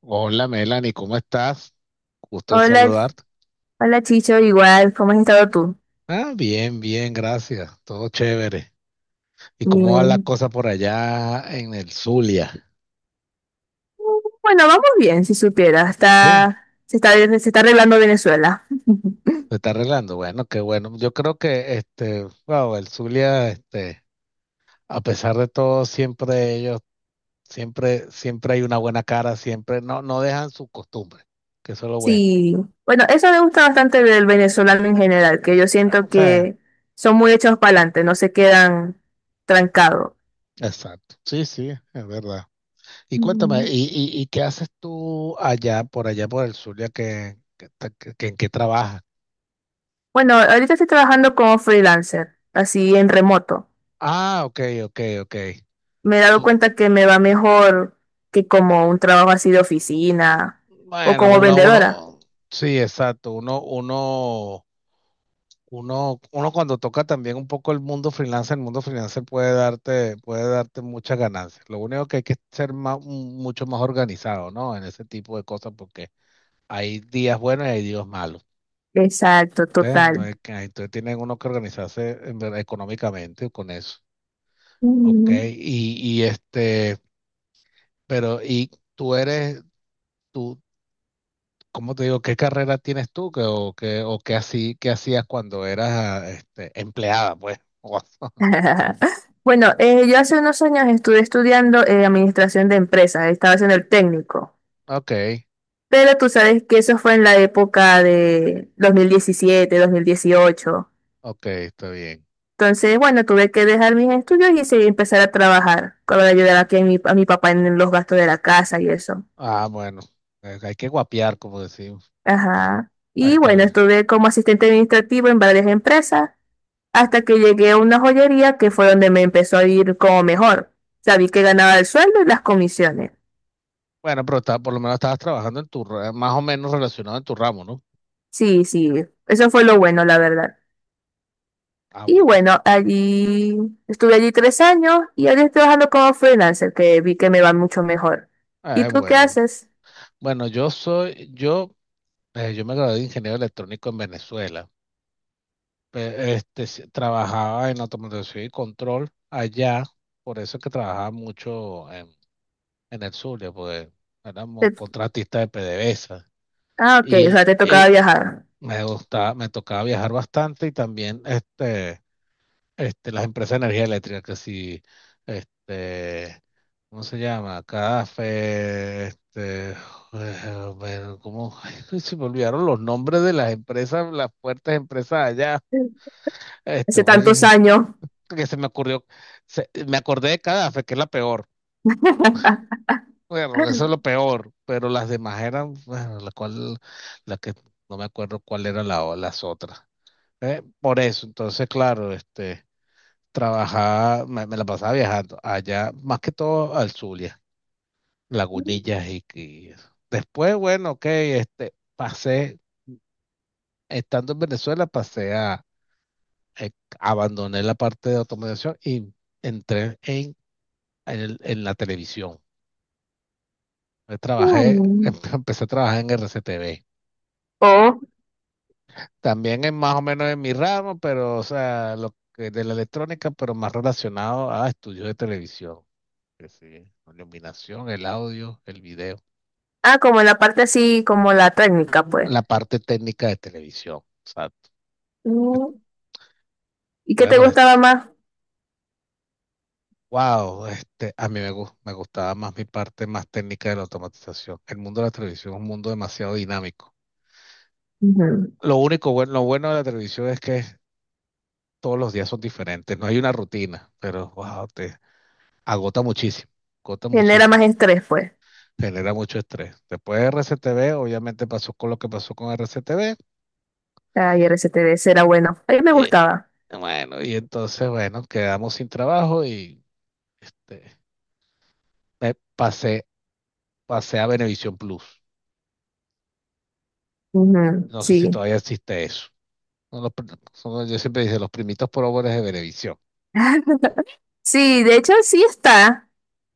Hola Melanie, ¿cómo estás? Gusto en Hola, saludarte. hola Chicho, igual, ¿cómo has estado tú? Ah, bien, bien, gracias. Todo chévere. ¿Y cómo va la Bien. cosa por allá en el Zulia? Bueno, vamos bien, si supiera, Sí. se está arreglando Venezuela. ¿Se está arreglando? Bueno, qué bueno. Yo creo que wow, el Zulia, a pesar de todo, siempre ellos, siempre hay una buena cara, siempre no, no dejan su costumbre, que eso es lo bueno. Sí, bueno, eso me gusta bastante del venezolano en general, que yo Ah, o siento sea, que son muy hechos para adelante, no se quedan trancados. exacto. Sí, sí, es verdad. Y cuéntame, Ujú. Qué haces tú allá, por allá, por el sur, ya en qué trabajas? Bueno, ahorita estoy trabajando como freelancer, así en remoto. Ah, ok, ok, ok. Me he dado Tú, cuenta que me va mejor que como un trabajo así de oficina o bueno, como vendedora. Sí, exacto. Uno cuando toca también un poco el mundo freelance puede darte muchas ganancias. Lo único que hay que ser mucho más organizado, ¿no? En ese tipo de cosas, porque hay días buenos y hay días malos. Exacto, ¿Ves? No total. hay que- entonces tienen uno que organizarse en verdad, económicamente con eso. Ok, Ujú. Pero tú eres, tú, ¿cómo te digo? ¿Qué carrera tienes tú? Que o qué así, qué hacías cuando eras empleada, pues? O- Bueno, yo hace unos años estuve estudiando administración de empresas, estaba haciendo el técnico, Ok, pero tú sabes que eso fue en la época de dos mil diecisiete, 2018. ok, está bien. Entonces, bueno, tuve que dejar mis estudios y sí, empezar a trabajar con la ayuda aquí a mi papá en los gastos de la casa y eso. Ah, bueno, hay que guapear, como decimos. Ajá. Ah, Y está bueno, bien. estuve como asistente administrativo en varias empresas hasta que llegué a una joyería que fue donde me empezó a ir como mejor. Sabí que ganaba el sueldo y las comisiones. Bueno, pero por lo menos estabas trabajando más o menos relacionado en tu ramo, ¿no? Sí, sí, eso fue lo bueno, la verdad. Ah, Y bueno. bueno, allí estuve allí 3 años y ahora estoy trabajando como freelancer, que vi que me va mucho mejor. ¿Y Eh, tú qué bueno. haces? Bueno, yo me gradué de ingeniero electrónico en Venezuela. Trabajaba en automatización y control allá, por eso es que trabajaba mucho en el Zulia, porque éramos Te- contratistas de PDVSA. Ah, ok, o Y, sea, te tocaba y viajar. me gustaba, me tocaba viajar bastante y también las empresas de energía eléctrica, que si, este, ¿cómo se llama? Café bueno, ¿cómo? Se me olvidaron los nombres de las empresas, las fuertes empresas allá. Este, Hace tantos años. que se me ocurrió, se- me acordé de Cadáver, que es la peor. Bueno, eso es lo peor, pero las demás eran, bueno, la que no me acuerdo cuál era las otras. Por eso, entonces, claro, me la pasaba viajando allá, más que todo al Zulia, Lagunillas y eso. Después, bueno, ok, estando en Venezuela, eh, abandoné la parte de automatización y entré en la televisión. Yo trabajé, Mm. Empecé a trabajar en RCTV. O, También es más o menos en mi ramo, pero, o sea, lo que de la electrónica, pero más relacionado a estudios de televisión. Que sí, la iluminación, el audio, el video, ah, como en la parte así, como la técnica, pues. la parte técnica de televisión. Exacto. Mm. ¿Y qué te Bueno, gustaba es- más? wow, este, a mí me, gus- me gustaba más mi parte más técnica de la automatización. El mundo de la televisión es un mundo demasiado dinámico. Ujú. Lo bueno de la televisión es que todos los días son diferentes, no hay una rutina, pero wow, agota muchísimo, agota Genera más muchísimo, estrés, pues. genera mucho estrés. Después de RCTV, obviamente pasó con lo que pasó con RCTV. Ay, RCTV será bueno. A mí me eh, gustaba. bueno, y entonces, bueno, quedamos sin trabajo y este, me pasé, pasé a Venevisión Plus. Ujú, No sé si sí. todavía existe eso. Son los pr- son- Yo siempre dije los primitos pobres de Venevisión. Sí, de hecho sí está,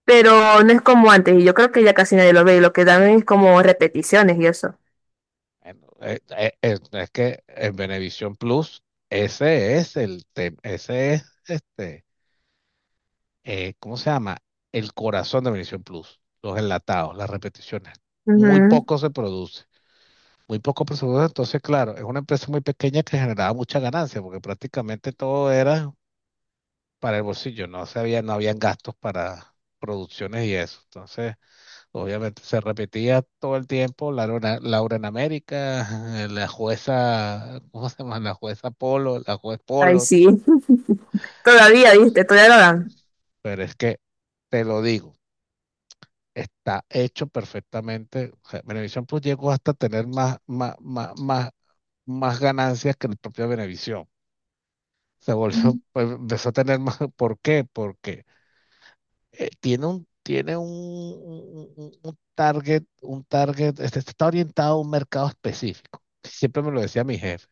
pero no es como antes. Y yo creo que ya casi nadie lo ve. Y lo que dan es como repeticiones y eso. Bueno, es que en Venevisión Plus, ese es el tema, ese es este ¿cómo se llama? El corazón de Venevisión Plus, los enlatados, las repeticiones. Muy Ujú. poco se produce, muy poco se produce. Entonces, claro, es una empresa muy pequeña que generaba mucha ganancia porque prácticamente todo era para el bolsillo, no habían gastos para producciones y eso. Entonces, obviamente se repetía todo el tiempo Laura, Laura en América, la jueza, ¿cómo se llama? La juez Ay, Polo, sí. Todavía, viste, todavía lo dan. pero es que te lo digo está hecho perfectamente. O sea, Venevisión Plus llegó hasta tener más, más ganancias que el propio Venevisión. Se volvió, pues, empezó a tener más. ¿Por qué? Porque tiene un target, está orientado a un mercado específico. Siempre me lo decía mi jefe.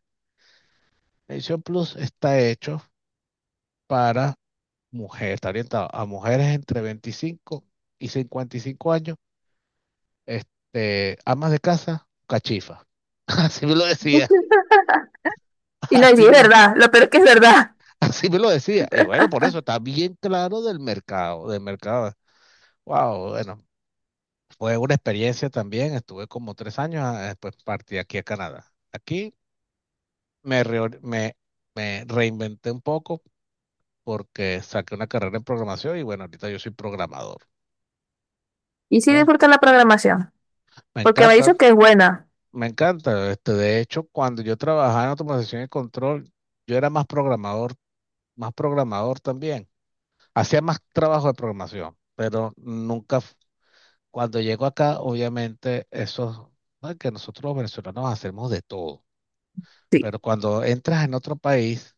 Venevisión Plus está hecho para mujeres, está orientado a mujeres entre 25 y 55 años amas de casa, cachifa. Así me lo decía, Y no, y sí, así es me, la- verdad. Lo peor es que es verdad. así me lo decía. Y bueno, por eso está bien claro del mercado, del mercado. Wow, bueno, fue una experiencia también. Estuve como 3 años, ah, después partí aquí a Canadá. Aquí me, reor- me reinventé un poco porque saqué una carrera en programación y bueno, ahorita yo soy programador. Y sí ¿Eh? disfruto la programación. Me Porque me ha encanta, dicho que es buena. me encanta. De hecho, cuando yo trabajaba en automatización y control, yo era más programador también. Hacía más trabajo de programación, pero nunca, f- cuando llego acá, obviamente, eso, ¿no? que nosotros los venezolanos hacemos de todo, Sí. pero cuando entras en otro país,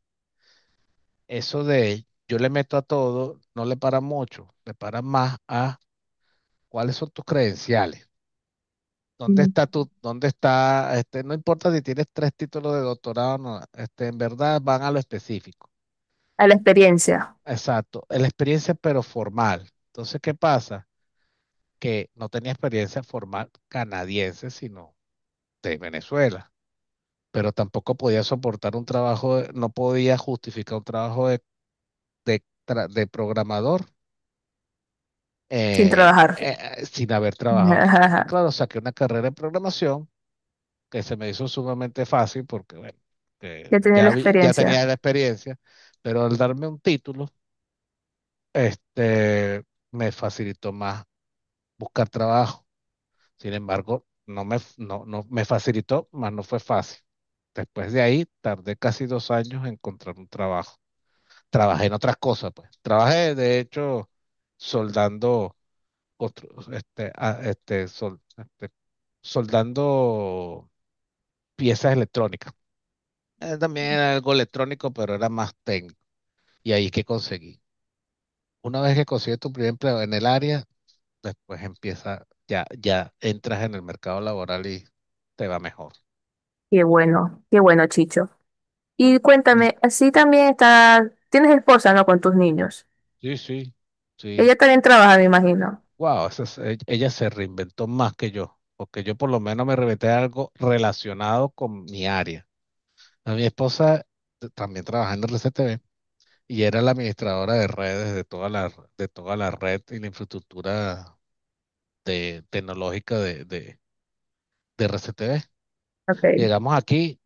eso de yo le meto a todo, no le para mucho, le para más a cuáles son tus credenciales. ¿Dónde Mm. está dónde está, no importa si tienes tres títulos de doctorado, no, en verdad van a lo específico. A la experiencia, Exacto, la experiencia pero formal. Entonces, ¿qué pasa? Que no tenía experiencia formal canadiense, sino de Venezuela, pero tampoco podía soportar no podía justificar un trabajo de programador sin trabajar. Sin haber trabajado aquí. Ah, claro, saqué una carrera en programación que se me hizo sumamente fácil porque, bueno, que Ya tiene la ya, ya tenía experiencia. la experiencia, pero al darme un título, este, me facilitó más buscar trabajo. Sin embargo, no me, no, no, me facilitó, mas no fue fácil. Después de ahí, tardé casi 2 años en encontrar un trabajo. Trabajé en otras cosas, pues. Trabajé, de hecho, soldando, otros, este, a- este, sol- este, soldando piezas electrónicas. También era algo electrónico, pero era más técnico. Y ahí que conseguí. Una vez que consigues tu primer empleo en el área, después ya, ya entras en el mercado laboral y te va mejor. Qué bueno, Chicho. Y cuéntame, así también está, tienes esposa, ¿no? Con tus niños. Sí, sí, sí. Ella también trabaja, me imagino. Wow, ella se reinventó más que yo, porque yo por lo menos me reinventé algo relacionado con mi área. A mi esposa también trabajaba en el RCTV y era la administradora de redes de toda la red y la infraestructura tecnológica de RCTV. Ok, Llegamos aquí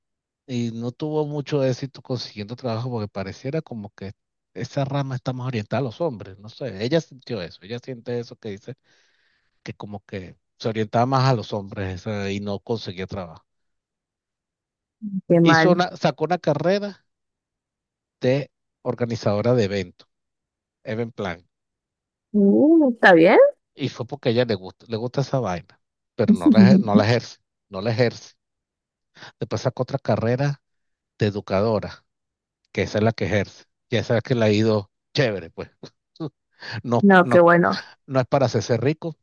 y no tuvo mucho éxito consiguiendo trabajo porque pareciera como que esa rama está más orientada a los hombres, no sé, ella sintió eso, ella siente eso que dice que como que se orientaba más a los hombres y no conseguía trabajo. qué Hizo mal. una, sacó una carrera de organizadora de eventos, event plan, Mm, ¿está bien? y fue porque a ella le gusta esa vaina, pero no la ejerce, no la ejerce. Después sacó otra carrera de educadora, que esa es la que ejerce, y esa es la que le ha ido chévere, pues. No, No, no, qué bueno. no es para hacerse rico,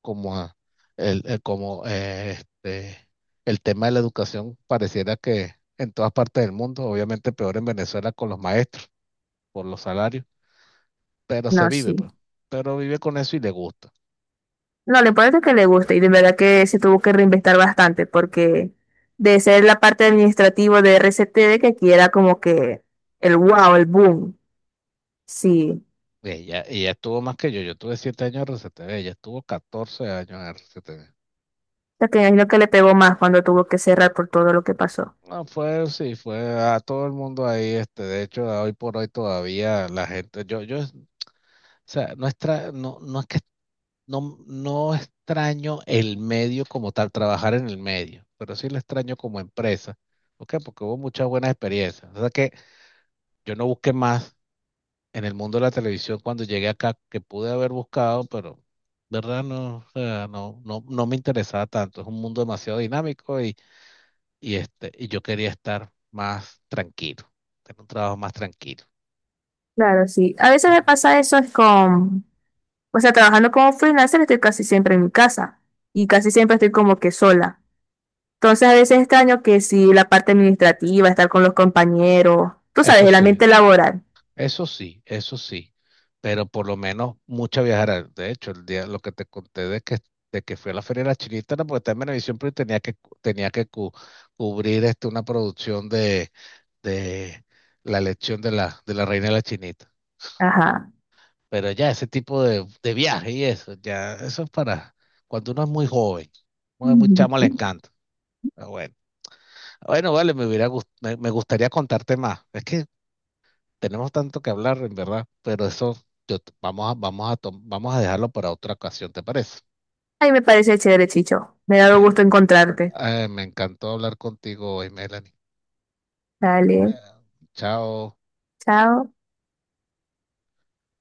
como el, el- como eh, este, el tema de la educación pareciera que en todas partes del mundo, obviamente peor en Venezuela con los maestros, por los salarios, pero se No, vive, sí. pues, pero vive con eso y le gusta. No, lo importante es que le guste y de verdad que se tuvo que reinventar bastante porque de ser la parte administrativa de RCTD que aquí era como que el wow, el boom. Sí. Ella estuvo más que yo tuve 7 años en RCTV, ella estuvo 14 años en RCTV. O sea, que me imagino que le pegó más cuando tuvo que cerrar por todo lo que pasó. No, sí, fue a todo el mundo ahí, de hecho, hoy por hoy todavía la gente, o sea, no, no es que no, no extraño el medio como tal, trabajar en el medio, pero sí lo extraño como empresa. ¿Por qué? Porque hubo muchas buenas experiencias. O sea que yo no busqué más en el mundo de la televisión cuando llegué acá que pude haber buscado, pero de verdad no, o sea, no, no, no me interesaba tanto. Es un mundo demasiado dinámico y y yo quería estar más tranquilo, tener un trabajo más tranquilo. Claro, sí. A veces me Ah. pasa eso es con. O sea, trabajando como freelancer estoy casi siempre en mi casa y casi siempre estoy como que sola. Entonces a veces extraño que si la parte administrativa, estar con los compañeros, tú sabes, Eso el sí, ambiente laboral. Eso sí, eso sí, pero por lo menos mucha viajera. De hecho, el día, lo que te conté de que fui a la Feria de la Chinita era porque estaba en Venevisión, pero cubrir una producción de la elección de la Reina de la Chinita. Ajá. Pero ya ese tipo de viaje y eso, ya eso es para cuando uno es muy joven, uno es muy chamo, le encanta. Pero bueno, Ah, bueno, vale, me gustaría contarte más. Es que tenemos tanto que hablar, en verdad, pero eso yo t- vamos a, vamos a, tom- vamos a dejarlo para otra ocasión, ¿te parece? Ahí me parece chévere, Chicho. Me ha dado Ay, gusto encontrarte. ay, me encantó hablar contigo hoy, Melanie. Dale, Eh, Chao. chao.